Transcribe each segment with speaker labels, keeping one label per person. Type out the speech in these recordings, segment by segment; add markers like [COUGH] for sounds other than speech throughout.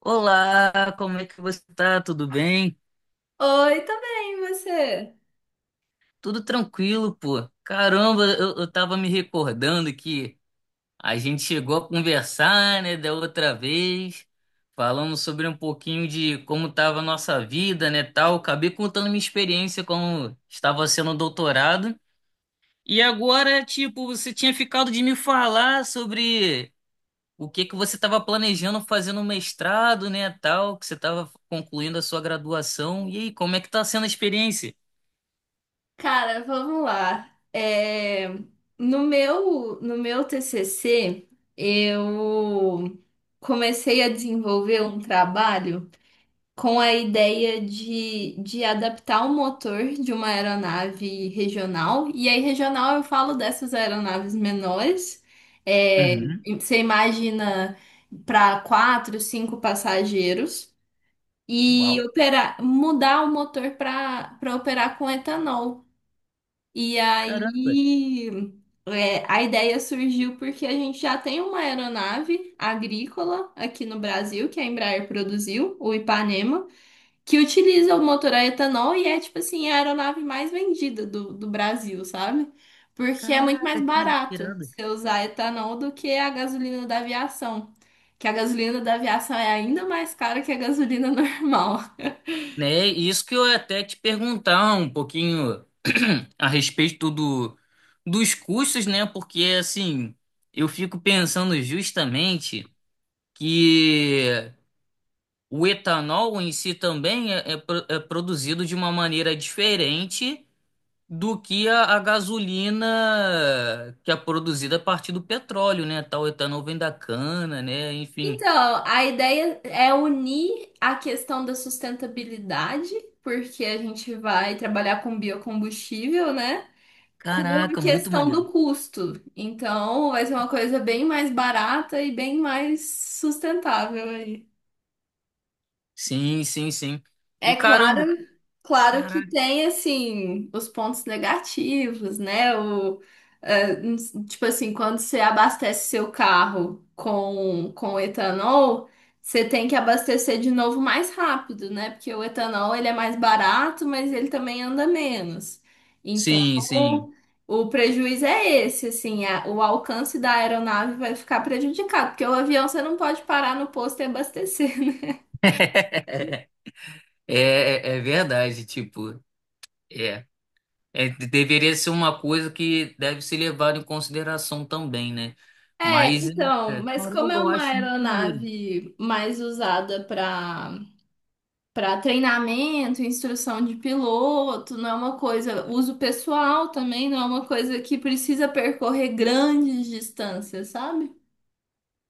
Speaker 1: Olá, como é que você tá? Tudo bem?
Speaker 2: Oi, tá bem, e você?
Speaker 1: Tudo tranquilo, pô. Caramba, eu tava me recordando que a gente chegou a conversar, né, da outra vez, falando sobre um pouquinho de como tava a nossa vida, né, tal. Acabei contando minha experiência como estava sendo doutorado. E agora, tipo, você tinha ficado de me falar sobre o que que você estava planejando fazer no mestrado, né, tal, que você estava concluindo a sua graduação. E aí, como é que tá sendo a experiência?
Speaker 2: Cara, vamos lá. É, no meu TCC, eu comecei a desenvolver um trabalho com a ideia de adaptar o motor de uma aeronave regional. E aí, regional, eu falo dessas aeronaves menores. É,
Speaker 1: Uhum.
Speaker 2: você imagina para quatro, cinco passageiros. E
Speaker 1: Uau.
Speaker 2: operar, mudar o motor para operar com etanol. E
Speaker 1: Caramba.
Speaker 2: aí a ideia surgiu porque a gente já tem uma aeronave agrícola aqui no Brasil, que a Embraer produziu, o Ipanema, que utiliza o motor a etanol e é tipo assim, a aeronave mais vendida do Brasil, sabe? Porque é muito mais
Speaker 1: Caraca, que
Speaker 2: barato
Speaker 1: irado.
Speaker 2: você usar etanol do que a gasolina da aviação. Que a gasolina da aviação é ainda mais cara que a gasolina [LAUGHS] normal.
Speaker 1: Né, e isso que eu ia até te perguntar um pouquinho [CLEARS THROAT] a respeito do, dos custos, né? Porque assim, eu fico pensando justamente que o etanol em si também é, é produzido de uma maneira diferente do que a gasolina que é produzida a partir do petróleo, né? Tal etanol vem da cana, né? Enfim.
Speaker 2: Então, a ideia é unir a questão da sustentabilidade, porque a gente vai trabalhar com biocombustível, né? Com
Speaker 1: Caraca,
Speaker 2: a
Speaker 1: muito
Speaker 2: questão
Speaker 1: maneiro.
Speaker 2: do custo. Então, vai ser uma coisa bem mais barata e bem mais sustentável aí.
Speaker 1: Sim, sim, sim. E
Speaker 2: É
Speaker 1: caramba,
Speaker 2: claro, claro que
Speaker 1: caraca.
Speaker 2: tem assim os pontos negativos, né? É, n- tipo assim, quando você abastece seu carro com etanol, você tem que abastecer de novo mais rápido, né? Porque o etanol ele é mais barato, mas ele também anda menos. Então,
Speaker 1: Sim, sim.
Speaker 2: o prejuízo é esse, assim, a- o alcance da aeronave vai ficar prejudicado, porque o avião você não pode parar no posto e abastecer. [LAUGHS]
Speaker 1: É, é, é verdade, tipo, é. Deveria ser uma coisa que deve ser levada em consideração também, né?
Speaker 2: É,
Speaker 1: Mas, é,
Speaker 2: então,
Speaker 1: é,
Speaker 2: mas como
Speaker 1: caramba,
Speaker 2: é
Speaker 1: eu
Speaker 2: uma
Speaker 1: acho muito maneiro.
Speaker 2: aeronave mais usada para para treinamento, instrução de piloto, não é uma coisa, uso pessoal também, não é uma coisa que precisa percorrer grandes distâncias, sabe?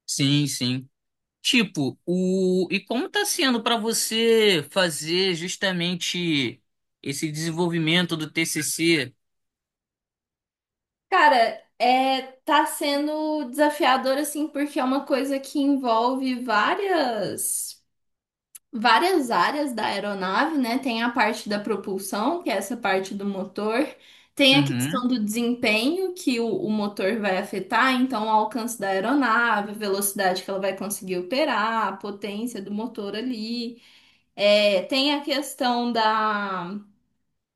Speaker 1: Sim, sim. Tipo, o e como está sendo para você fazer justamente esse desenvolvimento do TCC?
Speaker 2: Cara, é, tá sendo desafiador assim, porque é uma coisa que envolve várias áreas da aeronave, né? Tem a parte da propulsão, que é essa parte do motor, tem a questão
Speaker 1: Uhum.
Speaker 2: do desempenho que o motor vai afetar, então o alcance da aeronave, a velocidade que ela vai conseguir operar, a potência do motor ali. É, tem a questão da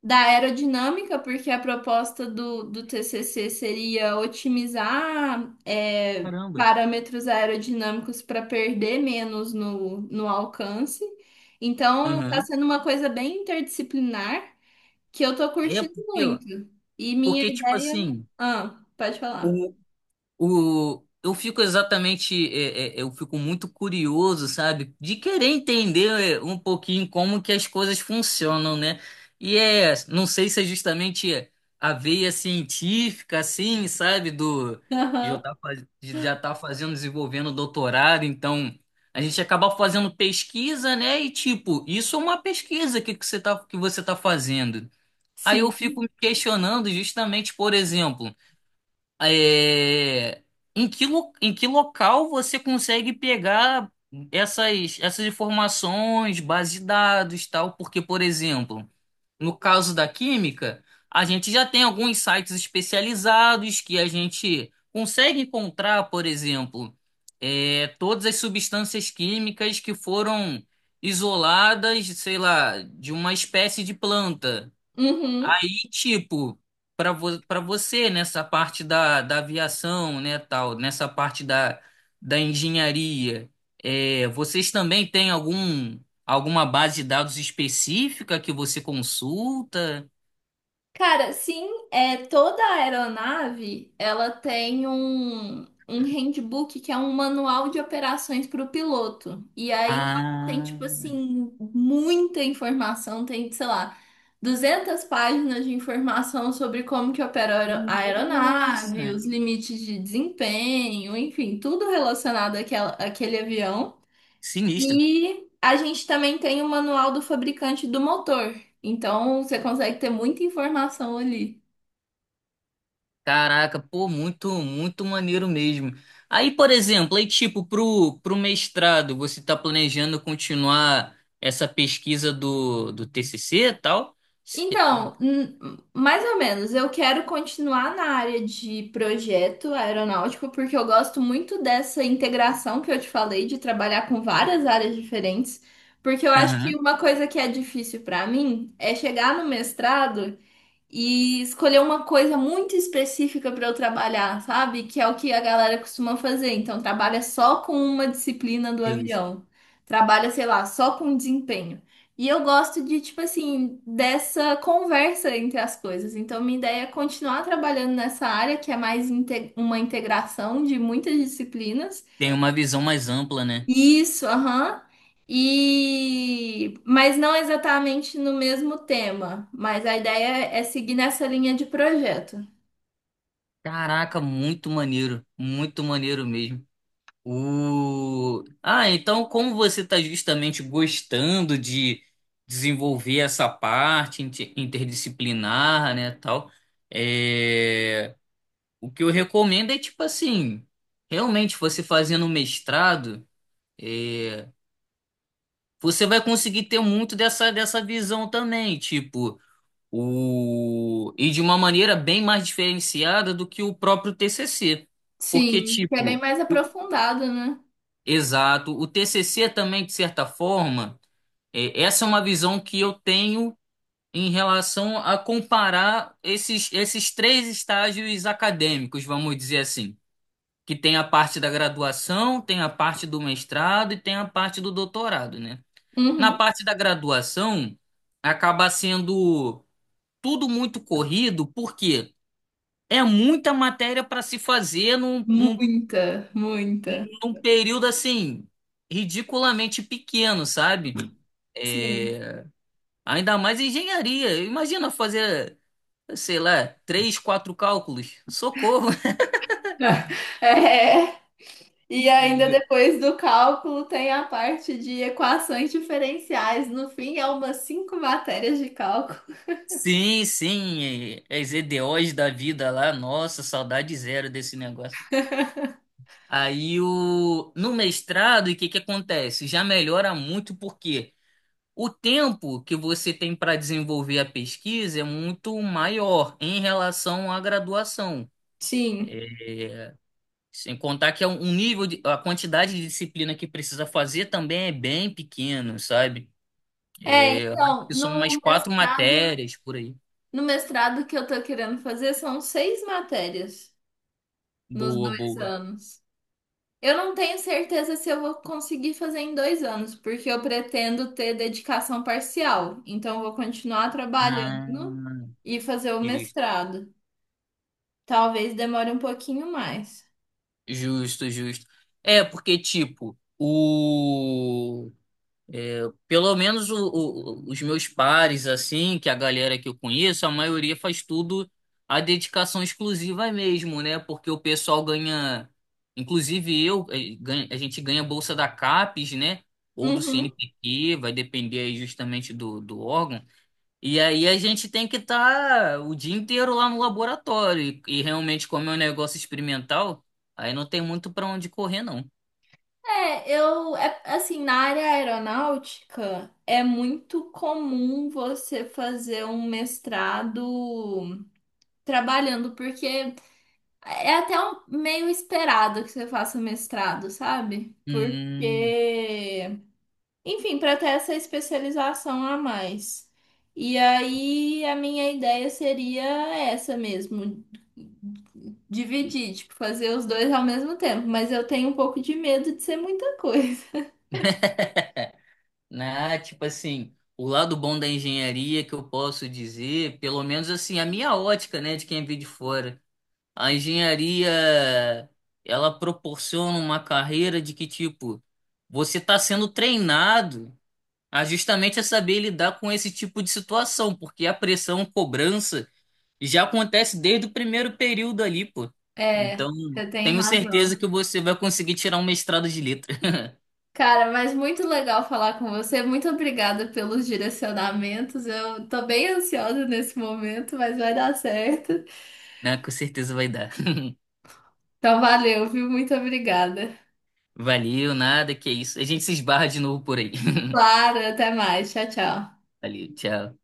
Speaker 2: da aerodinâmica, porque a proposta do TCC seria otimizar
Speaker 1: Caramba.
Speaker 2: parâmetros aerodinâmicos para perder menos no alcance. Então, está
Speaker 1: Uhum.
Speaker 2: sendo uma coisa bem interdisciplinar que eu tô
Speaker 1: É
Speaker 2: curtindo
Speaker 1: porque, ó,
Speaker 2: muito. E minha
Speaker 1: porque tipo
Speaker 2: ideia.
Speaker 1: assim,
Speaker 2: Ah, pode falar.
Speaker 1: o, eu fico exatamente, é, é, é, eu fico muito curioso, sabe, de querer entender é, um pouquinho como que as coisas funcionam, né? E é, não sei se é justamente a veia científica, assim, sabe, do
Speaker 2: [LAUGHS]
Speaker 1: de eu
Speaker 2: Aham.
Speaker 1: tá, faz- de já tá fazendo, desenvolvendo doutorado, então a gente acaba fazendo pesquisa, né? E tipo, isso é uma pesquisa que você tá, que você tá fazendo. Aí eu fico
Speaker 2: Sim.
Speaker 1: me questionando justamente, por exemplo. É, em que local você consegue pegar essas informações, base de dados, tal? Porque, por exemplo, no caso da química, a gente já tem alguns sites especializados que a gente consegue encontrar, por exemplo, é, todas as substâncias químicas que foram isoladas, sei lá, de uma espécie de planta
Speaker 2: Uhum.
Speaker 1: aí, tipo, para você nessa parte da, da aviação, né, tal, nessa parte da, da engenharia, é, vocês também têm algum alguma base de dados específica que você consulta?
Speaker 2: Cara, sim, é toda a aeronave, ela tem um handbook que é um manual de operações para o piloto. E aí lá tem tipo
Speaker 1: Ah,
Speaker 2: assim muita informação, tem, sei lá, 200 páginas de informação sobre como que opera a aero- a
Speaker 1: nossa,
Speaker 2: aeronave, os limites de desempenho, enfim, tudo relacionado àquela, àquele avião.
Speaker 1: sinistro.
Speaker 2: E a gente também tem o manual do fabricante do motor. Então, você consegue ter muita informação ali.
Speaker 1: Caraca, pô, muito, muito maneiro mesmo. Aí, por exemplo, aí tipo, pro, pro mestrado, você tá planejando continuar essa pesquisa do, do TCC e tal? Se- eh,
Speaker 2: Então, mais ou menos, eu quero continuar na área de projeto aeronáutico, porque eu gosto muito dessa integração que eu te falei, de trabalhar com várias áreas diferentes. Porque eu acho
Speaker 1: Aham,
Speaker 2: que uma coisa que é difícil para mim é chegar no mestrado e escolher uma coisa muito específica para eu trabalhar, sabe? Que é o que a galera costuma fazer. Então, trabalha só com uma disciplina do
Speaker 1: justo.
Speaker 2: avião. Trabalha, sei lá, só com desempenho. E eu gosto de, tipo assim, dessa conversa entre as coisas. Então, minha ideia é continuar trabalhando nessa área, que é mais inte- uma integração de muitas disciplinas.
Speaker 1: Tem uma visão mais ampla, né?
Speaker 2: Isso, aham. E mas não exatamente no mesmo tema, mas a ideia é seguir nessa linha de projeto.
Speaker 1: Caraca, muito maneiro mesmo. O... Ah, então como você está justamente gostando de desenvolver essa parte interdisciplinar, né, tal... É... O que eu recomendo é tipo assim, realmente você fazendo um mestrado, é, você vai conseguir ter muito dessa, dessa visão também, tipo, o, e de uma maneira bem mais diferenciada do que o próprio TCC. Porque,
Speaker 2: Sim, que é bem
Speaker 1: tipo,
Speaker 2: mais
Speaker 1: o-
Speaker 2: aprofundado, né?
Speaker 1: exato, o TCC também, de certa forma, é, essa é uma visão que eu tenho em relação a comparar esses, esses três estágios acadêmicos, vamos dizer assim. Que tem a parte da graduação, tem a parte do mestrado e tem a parte do doutorado, né? Na
Speaker 2: Uhum.
Speaker 1: parte da graduação, acaba sendo tudo muito corrido, porque é muita matéria para se fazer
Speaker 2: Muita, muita.
Speaker 1: num período assim, ridiculamente pequeno, sabe?
Speaker 2: Sim.
Speaker 1: É, ainda mais engenharia. Imagina fazer, sei lá, três, quatro cálculos. Socorro!
Speaker 2: [LAUGHS] É. E ainda
Speaker 1: [LAUGHS]
Speaker 2: depois do cálculo tem a parte de equações diferenciais. No fim, é umas cinco matérias de cálculo.
Speaker 1: Sim, sim, é as EDOs da vida lá, nossa, saudade zero desse negócio. Aí o no mestrado, o que que acontece? Já melhora muito porque o tempo que você tem para desenvolver a pesquisa é muito maior em relação à graduação.
Speaker 2: Sim.
Speaker 1: Sem contar que é um nível de, a quantidade de disciplina que precisa fazer também é bem pequeno, sabe?
Speaker 2: É,
Speaker 1: É, acho
Speaker 2: então,
Speaker 1: que são
Speaker 2: no
Speaker 1: umas quatro
Speaker 2: mestrado.
Speaker 1: matérias por aí.
Speaker 2: No mestrado que eu tô querendo fazer são seis matérias nos
Speaker 1: Boa,
Speaker 2: dois
Speaker 1: boa.
Speaker 2: anos. Eu não tenho certeza se eu vou conseguir fazer em 2 anos, porque eu pretendo ter dedicação parcial. Então, eu vou continuar trabalhando
Speaker 1: Ah,
Speaker 2: e fazer o mestrado. Talvez demore um pouquinho mais.
Speaker 1: justo, justo. É, porque, tipo, o. É, pelo menos os meus pares, assim, que a galera que eu conheço, a maioria faz tudo a dedicação exclusiva mesmo, né? Porque o pessoal ganha. A gente ganha bolsa da CAPES, né? Ou do
Speaker 2: Uhum.
Speaker 1: CNPq, vai depender aí justamente do, do órgão. E aí a gente tem que estar o dia inteiro lá no laboratório. E realmente, como é um negócio experimental, aí não tem muito para onde correr, não.
Speaker 2: É, assim, na área aeronáutica é muito comum você fazer um mestrado trabalhando, porque é até meio esperado que você faça mestrado, sabe?
Speaker 1: Hum,
Speaker 2: Porque, enfim, para ter essa especialização a mais. E aí a minha ideia seria essa mesmo,
Speaker 1: e-
Speaker 2: dividir, tipo, fazer os dois ao mesmo tempo, mas eu tenho um pouco de medo de ser muita coisa. [LAUGHS]
Speaker 1: né? Tipo assim, o lado bom da engenharia que eu posso dizer, pelo menos assim, a minha ótica, né, de quem vê de fora. A engenharia, ela proporciona uma carreira de que, tipo, você está sendo treinado a justamente a saber lidar com esse tipo de situação, porque a pressão, cobrança já acontece desde o primeiro período ali, pô.
Speaker 2: É,
Speaker 1: Então,
Speaker 2: você tem
Speaker 1: tenho certeza
Speaker 2: razão.
Speaker 1: que você vai conseguir tirar um mestrado de letra,
Speaker 2: Cara, mas muito legal falar com você. Muito obrigada pelos direcionamentos. Eu tô bem ansiosa nesse momento, mas vai dar certo.
Speaker 1: [LAUGHS] né? Com certeza vai dar.
Speaker 2: Então, valeu, viu? Muito obrigada.
Speaker 1: Valeu, nada, que isso. A gente se esbarra de novo por aí. [LAUGHS]
Speaker 2: Claro, até mais. Tchau, tchau.
Speaker 1: Valeu, tchau.